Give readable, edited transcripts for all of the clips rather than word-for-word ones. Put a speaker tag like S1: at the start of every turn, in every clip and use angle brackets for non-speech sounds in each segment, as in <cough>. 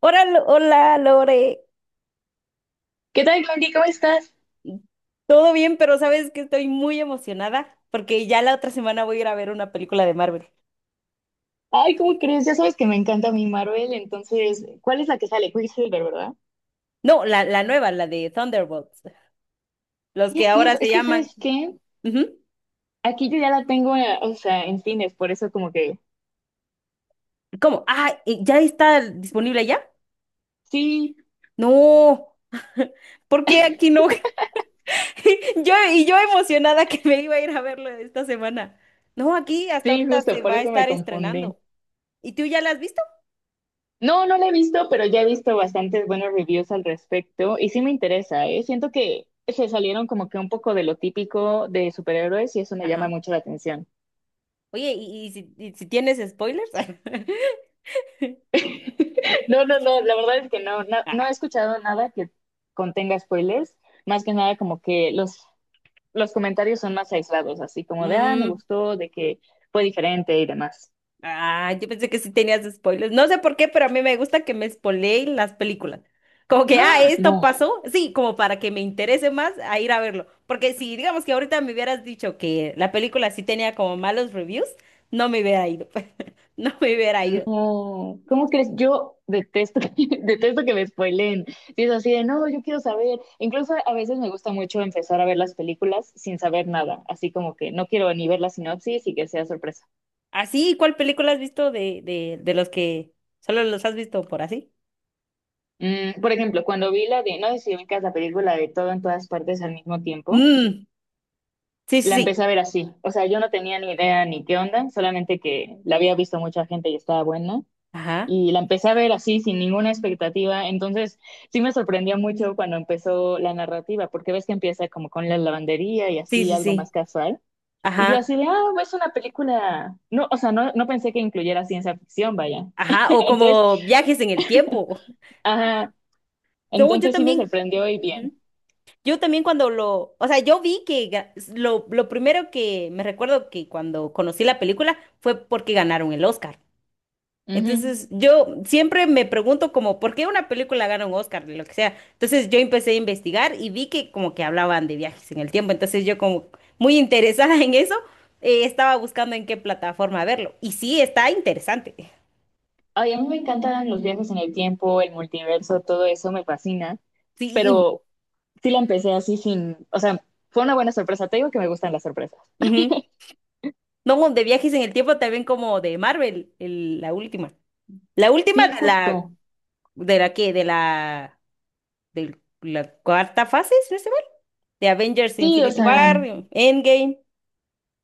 S1: Hola, hola Lore,
S2: ¿Qué tal, Glory? ¿Cómo estás?
S1: todo bien, pero sabes que estoy muy emocionada porque ya la otra semana voy a ir a ver una película de Marvel.
S2: Ay, ¿cómo crees? Ya sabes que me encanta mi Marvel, entonces, ¿cuál es la que sale? Quicksilver, ¿verdad?
S1: No, la nueva, la de Thunderbolts, los
S2: Sí, es
S1: que ahora
S2: cierto.
S1: se
S2: Es que,
S1: llaman...
S2: ¿sabes qué?
S1: Ujú.
S2: Aquí yo ya la tengo, o sea, en cines, por eso como que...
S1: ¿Cómo? Ah, ¿ya está disponible ya?
S2: Sí,
S1: No, <laughs> ¿por qué aquí no? <laughs> Y yo emocionada que me iba a ir a verlo esta semana. No, aquí hasta
S2: sí,
S1: ahorita
S2: justo,
S1: se
S2: por
S1: va a
S2: eso me
S1: estar
S2: confundí.
S1: estrenando. ¿Y tú ya la has visto?
S2: No, no la he visto, pero ya he visto bastantes buenos reviews al respecto y sí me interesa, ¿eh? Siento que se salieron como que un poco de lo típico de superhéroes y eso me llama
S1: Ajá.
S2: mucho la atención.
S1: Oye, ¿y si tienes spoilers?
S2: No, no, no, la verdad es que no, no, no he
S1: <laughs> <laughs>
S2: escuchado nada que contenga spoilers, más que nada como que los comentarios son más aislados, así como de, ah, me
S1: Mm,
S2: gustó, de que fue diferente y demás.
S1: ah, yo pensé que sí tenías spoilers. No sé por qué, pero a mí me gusta que me spoileen las películas. Como que, ah,
S2: ¡Ah!
S1: esto
S2: No,
S1: pasó. Sí, como para que me interese más a ir a verlo. Porque si, digamos que ahorita me hubieras dicho que la película sí tenía como malos reviews, no me hubiera ido. <laughs> No me hubiera ido.
S2: no, ¿cómo crees? Yo detesto, <laughs> detesto que me spoileen. Si es así de, no, yo quiero saber. Incluso a veces me gusta mucho empezar a ver las películas sin saber nada, así como que no quiero ni ver la sinopsis y que sea sorpresa.
S1: Así, ¿cuál película has visto de, de los que solo los has visto por así?
S2: Mm, por ejemplo, cuando vi la de, no sé si ubicas la película de todo en todas partes al mismo tiempo,
S1: Mm, sí, sí,
S2: la
S1: sí.
S2: empecé a ver así. O sea, yo no tenía ni idea ni qué onda, solamente que la había visto mucha gente y estaba buena.
S1: Ajá.
S2: Y la empecé a ver así, sin ninguna expectativa. Entonces, sí me sorprendió mucho cuando empezó la narrativa, porque ves que empieza como con la lavandería y
S1: Sí,
S2: así,
S1: sí,
S2: algo más
S1: sí.
S2: casual. Y yo
S1: Ajá.
S2: así de, ah, es una película. No, o sea, no, no pensé que incluyera ciencia ficción, vaya.
S1: Ajá. O
S2: <laughs> Entonces,
S1: como viajes en el tiempo.
S2: ajá,
S1: <laughs> No, yo
S2: entonces sí me
S1: también.
S2: sorprendió y bien.
S1: Ujú. Yo también cuando lo, o sea, yo vi que lo primero que me recuerdo que cuando conocí la película fue porque ganaron el Oscar.
S2: Ujú.
S1: Entonces, yo siempre me pregunto como, ¿por qué una película gana un Oscar? Lo que sea. Entonces, yo empecé a investigar y vi que como que hablaban de viajes en el tiempo. Entonces, yo como muy interesada en eso, estaba buscando en qué plataforma verlo. Y sí, está interesante.
S2: Ay, a mí me encantan los viajes en el tiempo, el multiverso, todo eso me fascina,
S1: Sí,
S2: pero sí la empecé así sin, o sea, fue una buena sorpresa, te digo que me gustan las sorpresas.
S1: ujú. No, de viajes en el tiempo también como de Marvel, la última. La última
S2: Sí,
S1: de la
S2: justo,
S1: ¿De la qué? De la cuarta fase? ¿Si no estoy mal? De Avengers
S2: sí, o
S1: Infinity
S2: sea,
S1: War, Endgame.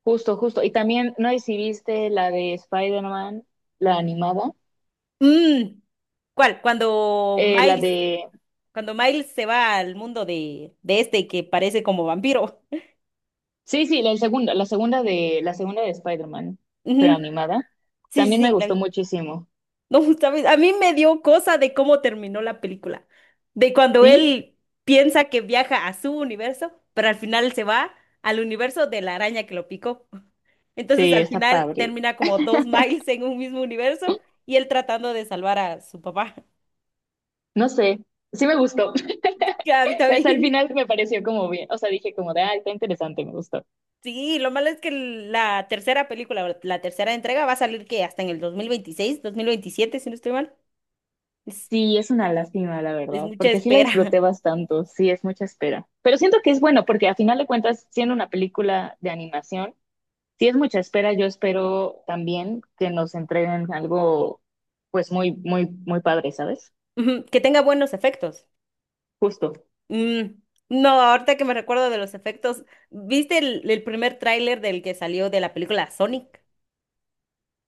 S2: justo, justo. Y también, no sé si viste la de Spider-Man, la animada,
S1: Mm, ¿cuál?
S2: eh, la de,
S1: Cuando Miles se va al mundo de este que parece como vampiro.
S2: sí, sí, la segunda de Spider-Man, pero
S1: Ujú,
S2: animada,
S1: sí, sí,
S2: también me
S1: sí, la
S2: gustó
S1: vi.
S2: muchísimo.
S1: No, <laughs> ¿sabes? A mí me dio cosa de cómo terminó la película. De cuando
S2: Sí,
S1: él piensa que viaja a su universo, pero al final se va al universo de la araña que lo picó. <laughs> Entonces
S2: sí,
S1: al
S2: está
S1: final
S2: padre.
S1: termina como dos Miles en un mismo universo y él tratando de salvar a su papá. <laughs>
S2: No sé, sí me gustó. <laughs>
S1: Que a mí
S2: Pues al
S1: también. <laughs>
S2: final me pareció como bien, o sea, dije como de, ah, está interesante, me gustó.
S1: Sí, lo malo es que la tercera película, o la tercera entrega va a salir que hasta en el 2026 2027 si no estoy mal. Es,
S2: Sí, es una lástima, la
S1: es
S2: verdad,
S1: mucha
S2: porque sí la
S1: espera.
S2: disfruté
S1: <laughs>
S2: bastante, sí, es mucha espera. Pero siento que es bueno, porque a final de cuentas, siendo una película de animación, sí es mucha espera, yo espero también que nos entreguen algo, pues muy, muy, muy padre, ¿sabes?
S1: Ujú, que tenga buenos efectos.
S2: Justo.
S1: Mm, no, ahorita que me recuerdo de los efectos, ¿viste el primer tráiler del que salió de la película Sonic?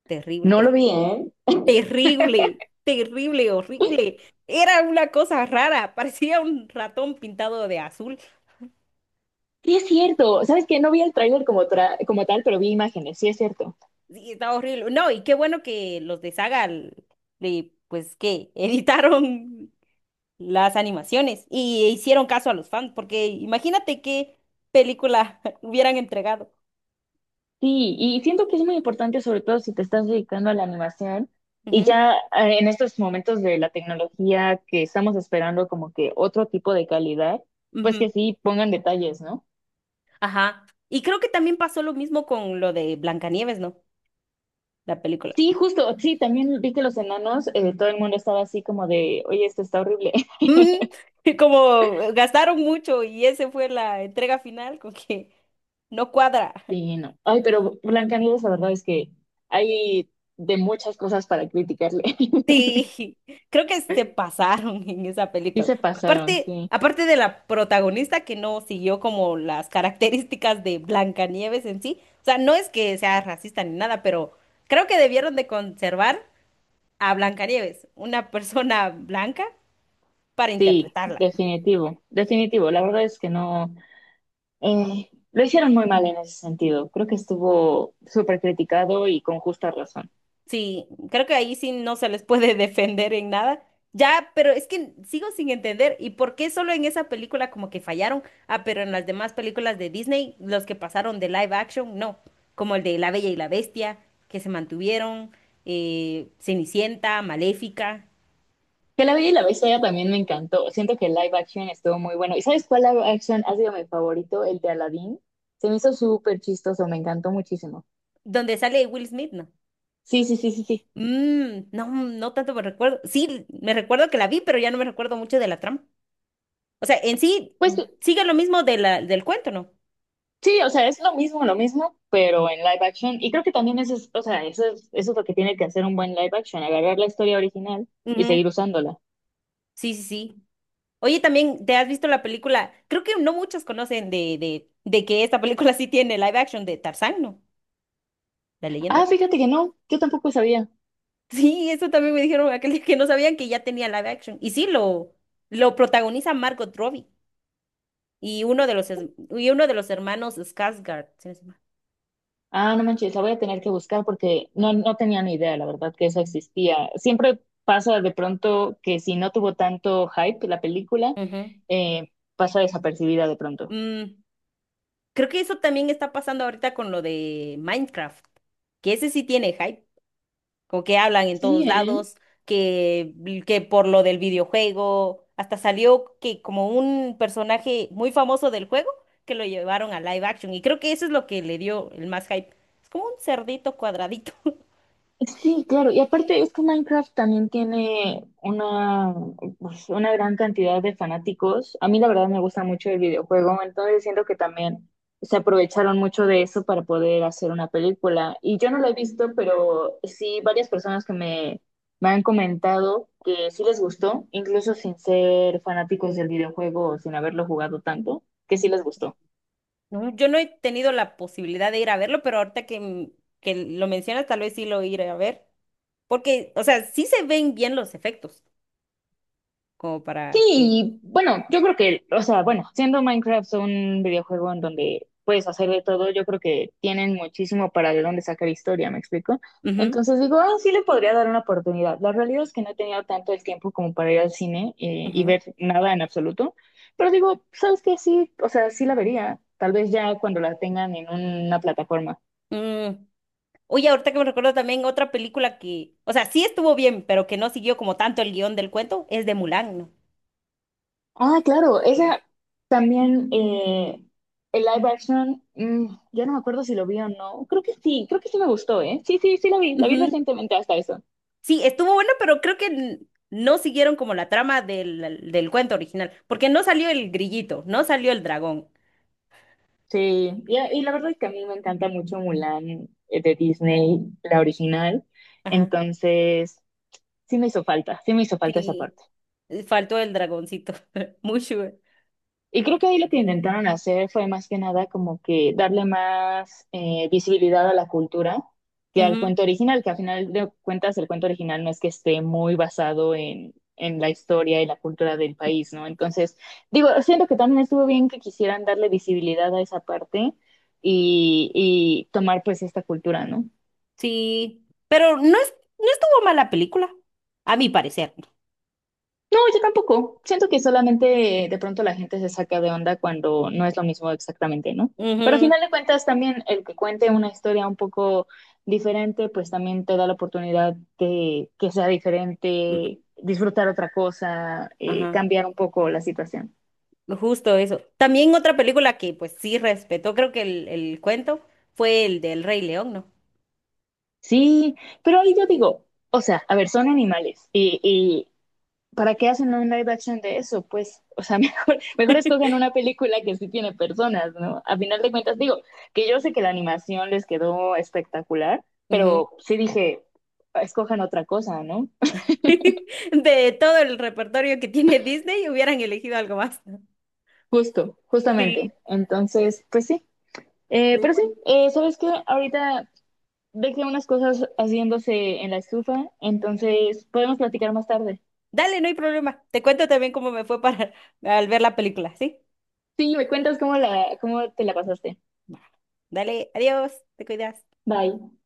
S1: Terrible,
S2: No
S1: <laughs>
S2: lo vi, ¿eh?
S1: terrible, terrible, horrible. Era una cosa rara, <laughs> parecía un ratón pintado de azul.
S2: Sí, es cierto, ¿sabes qué? No vi el tráiler como, como tal, pero vi imágenes, sí es cierto.
S1: Sí, estaba horrible. No, y qué bueno que los de Saga, pues que <laughs> editaron las animaciones y hicieron caso a los fans, porque imagínate qué película <laughs> hubieran entregado.
S2: Sí, y siento que es muy importante, sobre todo si te estás dedicando a la animación y
S1: Ujú,
S2: ya en estos momentos de la tecnología que estamos esperando como que otro tipo de calidad, pues
S1: ujú.
S2: que sí pongan detalles, ¿no?
S1: Ajá. Y creo que también pasó lo mismo con lo de Blancanieves, ¿no? La película.
S2: Sí, justo, sí, también vi que los enanos, todo el mundo estaba así como de, oye, esto está horrible. <laughs>
S1: Ujú. <laughs> Y como gastaron mucho y ese fue la entrega final, con que no cuadra.
S2: Sí, no. Ay, pero Blancanieves, la verdad es que hay de muchas cosas para criticarle. <laughs>
S1: Sí, <laughs> creo que se pasaron <laughs> en esa
S2: Sí
S1: película.
S2: se pasaron,
S1: Aparte,
S2: sí.
S1: aparte de la protagonista que no siguió como las características de Blancanieves en sí. O sea, no es que sea racista ni nada, pero creo que debieron de conservar a Blancanieves, una persona blanca, para
S2: Sí,
S1: interpretarla.
S2: definitivo, definitivo. La verdad es que no. Lo hicieron muy mal en ese sentido. Creo que estuvo súper criticado y con justa razón.
S1: Sí, creo que ahí sí no se les puede <laughs> defender en nada. Ya, pero es que sigo sin entender. ¿Y por qué solo en esa película como que fallaron? Ah, pero en las demás películas de Disney, los que pasaron de live action, no. Como el de La Bella y la Bestia, que se mantuvieron, Cenicienta, Maléfica,
S2: Que La Bella y la Bestia también me encantó. Siento que el live action estuvo muy bueno. ¿Y sabes cuál live action ha sido mi favorito? El de Aladdin. Se me hizo súper chistoso, me encantó muchísimo.
S1: donde sale Will Smith, ¿no?
S2: Sí, sí, sí, sí, sí.
S1: Mm, no, no tanto me recuerdo. Sí, me recuerdo que la vi, pero ya no me recuerdo mucho de la trama. O sea, en sí
S2: Pues
S1: sigue lo mismo de la, del cuento, ¿no?
S2: sí, o sea, es lo mismo, pero en live action. Y creo que también eso es, o sea, eso es lo que tiene que hacer un buen live action, agarrar la historia original y
S1: Ujú,
S2: seguir usándola.
S1: sí, sí, sí. Oye, también te has visto la película, creo que no muchos conocen de, de que esta película <laughs> sí tiene live action de Tarzán, ¿no? La leyenda de
S2: Ah,
S1: Tarzán.
S2: fíjate que no, yo tampoco sabía.
S1: Sí, eso también me dijeron aquel día que no sabían que ya tenía live action. Y sí, lo protagoniza Margot Robbie y uno de los, y uno de los hermanos Skarsgård. Si no estoy mal.
S2: Ah, no manches, la voy a tener que buscar porque no, no tenía ni idea, la verdad, que eso existía. Siempre pasa de pronto que si no tuvo tanto hype la película,
S1: Ujú.
S2: pasa desapercibida de pronto.
S1: Mm, creo que eso también está pasando ahorita con lo de Minecraft, que ese sí tiene hype, como que hablan en
S2: Sí,
S1: todos
S2: ¿eh?
S1: lados, que, que por lo del videojuego, hasta salió que como un personaje muy famoso del juego, que lo llevaron a live action, y creo que eso es lo que le dio el más hype. Es como un cerdito cuadradito. <laughs>
S2: Sí, claro, y aparte es que Minecraft también tiene una, pues, una gran cantidad de fanáticos. A mí la verdad me gusta mucho el videojuego, entonces siento que también se aprovecharon mucho de eso para poder hacer una película. Y yo no la he visto, pero sí varias personas que me han comentado que sí les gustó, incluso sin ser fanáticos del videojuego o sin haberlo jugado tanto, que sí les gustó.
S1: No, yo no he tenido la posibilidad de ir a verlo, pero ahorita que, que lo mencionas, tal vez sí lo iré a ver. Porque, o sea, sí se ven bien los efectos, como
S2: Sí,
S1: para que...
S2: y bueno, yo creo que, o sea, bueno, siendo Minecraft un videojuego en donde puedes hacer de todo, yo creo que tienen muchísimo para de dónde sacar historia, ¿me explico?
S1: Ujú,
S2: Entonces digo, ah, sí le podría dar una oportunidad. La realidad es que no he tenido tanto el tiempo como para ir al cine y
S1: ujú.
S2: ver nada en absoluto, pero digo, ¿sabes qué? Sí, o sea, sí la vería, tal vez ya cuando la tengan en una plataforma.
S1: Mm, oye, ahorita que me recuerdo también otra película que, o sea, sí estuvo bien, pero que no siguió como tanto el guión del cuento, es de Mulan, ¿no?
S2: Ah, claro, esa también, el live action, mm, ya no me acuerdo si lo vi o no. Creo que sí me gustó, ¿eh? Sí, sí, sí lo vi, la vi
S1: Ujú.
S2: recientemente hasta eso.
S1: Sí, estuvo bueno, pero creo que no siguieron como la trama del, del cuento original, porque no salió el grillito, no salió el dragón.
S2: Sí, y la verdad es que a mí me encanta mucho Mulan de Disney, la original.
S1: Ajá.
S2: Entonces, sí me hizo falta, sí me hizo falta esa
S1: Sí,
S2: parte.
S1: faltó el dragoncito, <laughs> Mushu.
S2: Y creo que ahí lo que intentaron hacer fue más que nada como que darle más visibilidad a la cultura que al
S1: Ujú.
S2: cuento original, que al final de cuentas el cuento original no es que esté muy basado en la historia y la cultura del país, ¿no? Entonces, digo, siento que también estuvo bien que quisieran darle visibilidad a esa parte y tomar pues esta cultura, ¿no?
S1: Sí, pero no es, no estuvo mala película, a mi parecer.
S2: No, yo tampoco. Siento que solamente de pronto la gente se saca de onda cuando no es lo mismo exactamente, ¿no? Pero al
S1: Ujú,
S2: final de cuentas también el que cuente una historia un poco diferente, pues también te da la oportunidad de que sea
S1: ujú,
S2: diferente, disfrutar otra cosa,
S1: ajá.
S2: cambiar un poco la situación.
S1: Justo eso. También otra película que pues sí respetó, creo que el cuento fue el del Rey León, ¿no?
S2: Sí, pero ahí yo digo, o sea, a ver, son animales y, ¿para qué hacen un live action de eso? Pues, o sea, <laughs> mejor, mejor escogen una película que sí tiene personas, ¿no? A final de cuentas, digo, que yo sé que la animación les quedó espectacular,
S1: Ujú.
S2: pero sí dije, escojan otra cosa, ¿no?
S1: <laughs> De todo el repertorio que tiene Disney, hubieran elegido algo más.
S2: Justo,
S1: Sí,
S2: justamente. Entonces, pues sí.
S1: muy bueno.
S2: ¿Sabes qué? Ahorita dejé unas cosas haciéndose en la estufa, entonces podemos platicar más tarde.
S1: Dale, no hay problema. Te cuento también cómo me fue para al ver la película, ¿sí?
S2: Sí, me cuentas cómo, la, cómo te la pasaste.
S1: Va. Dale, adiós, te cuidas.
S2: Bye.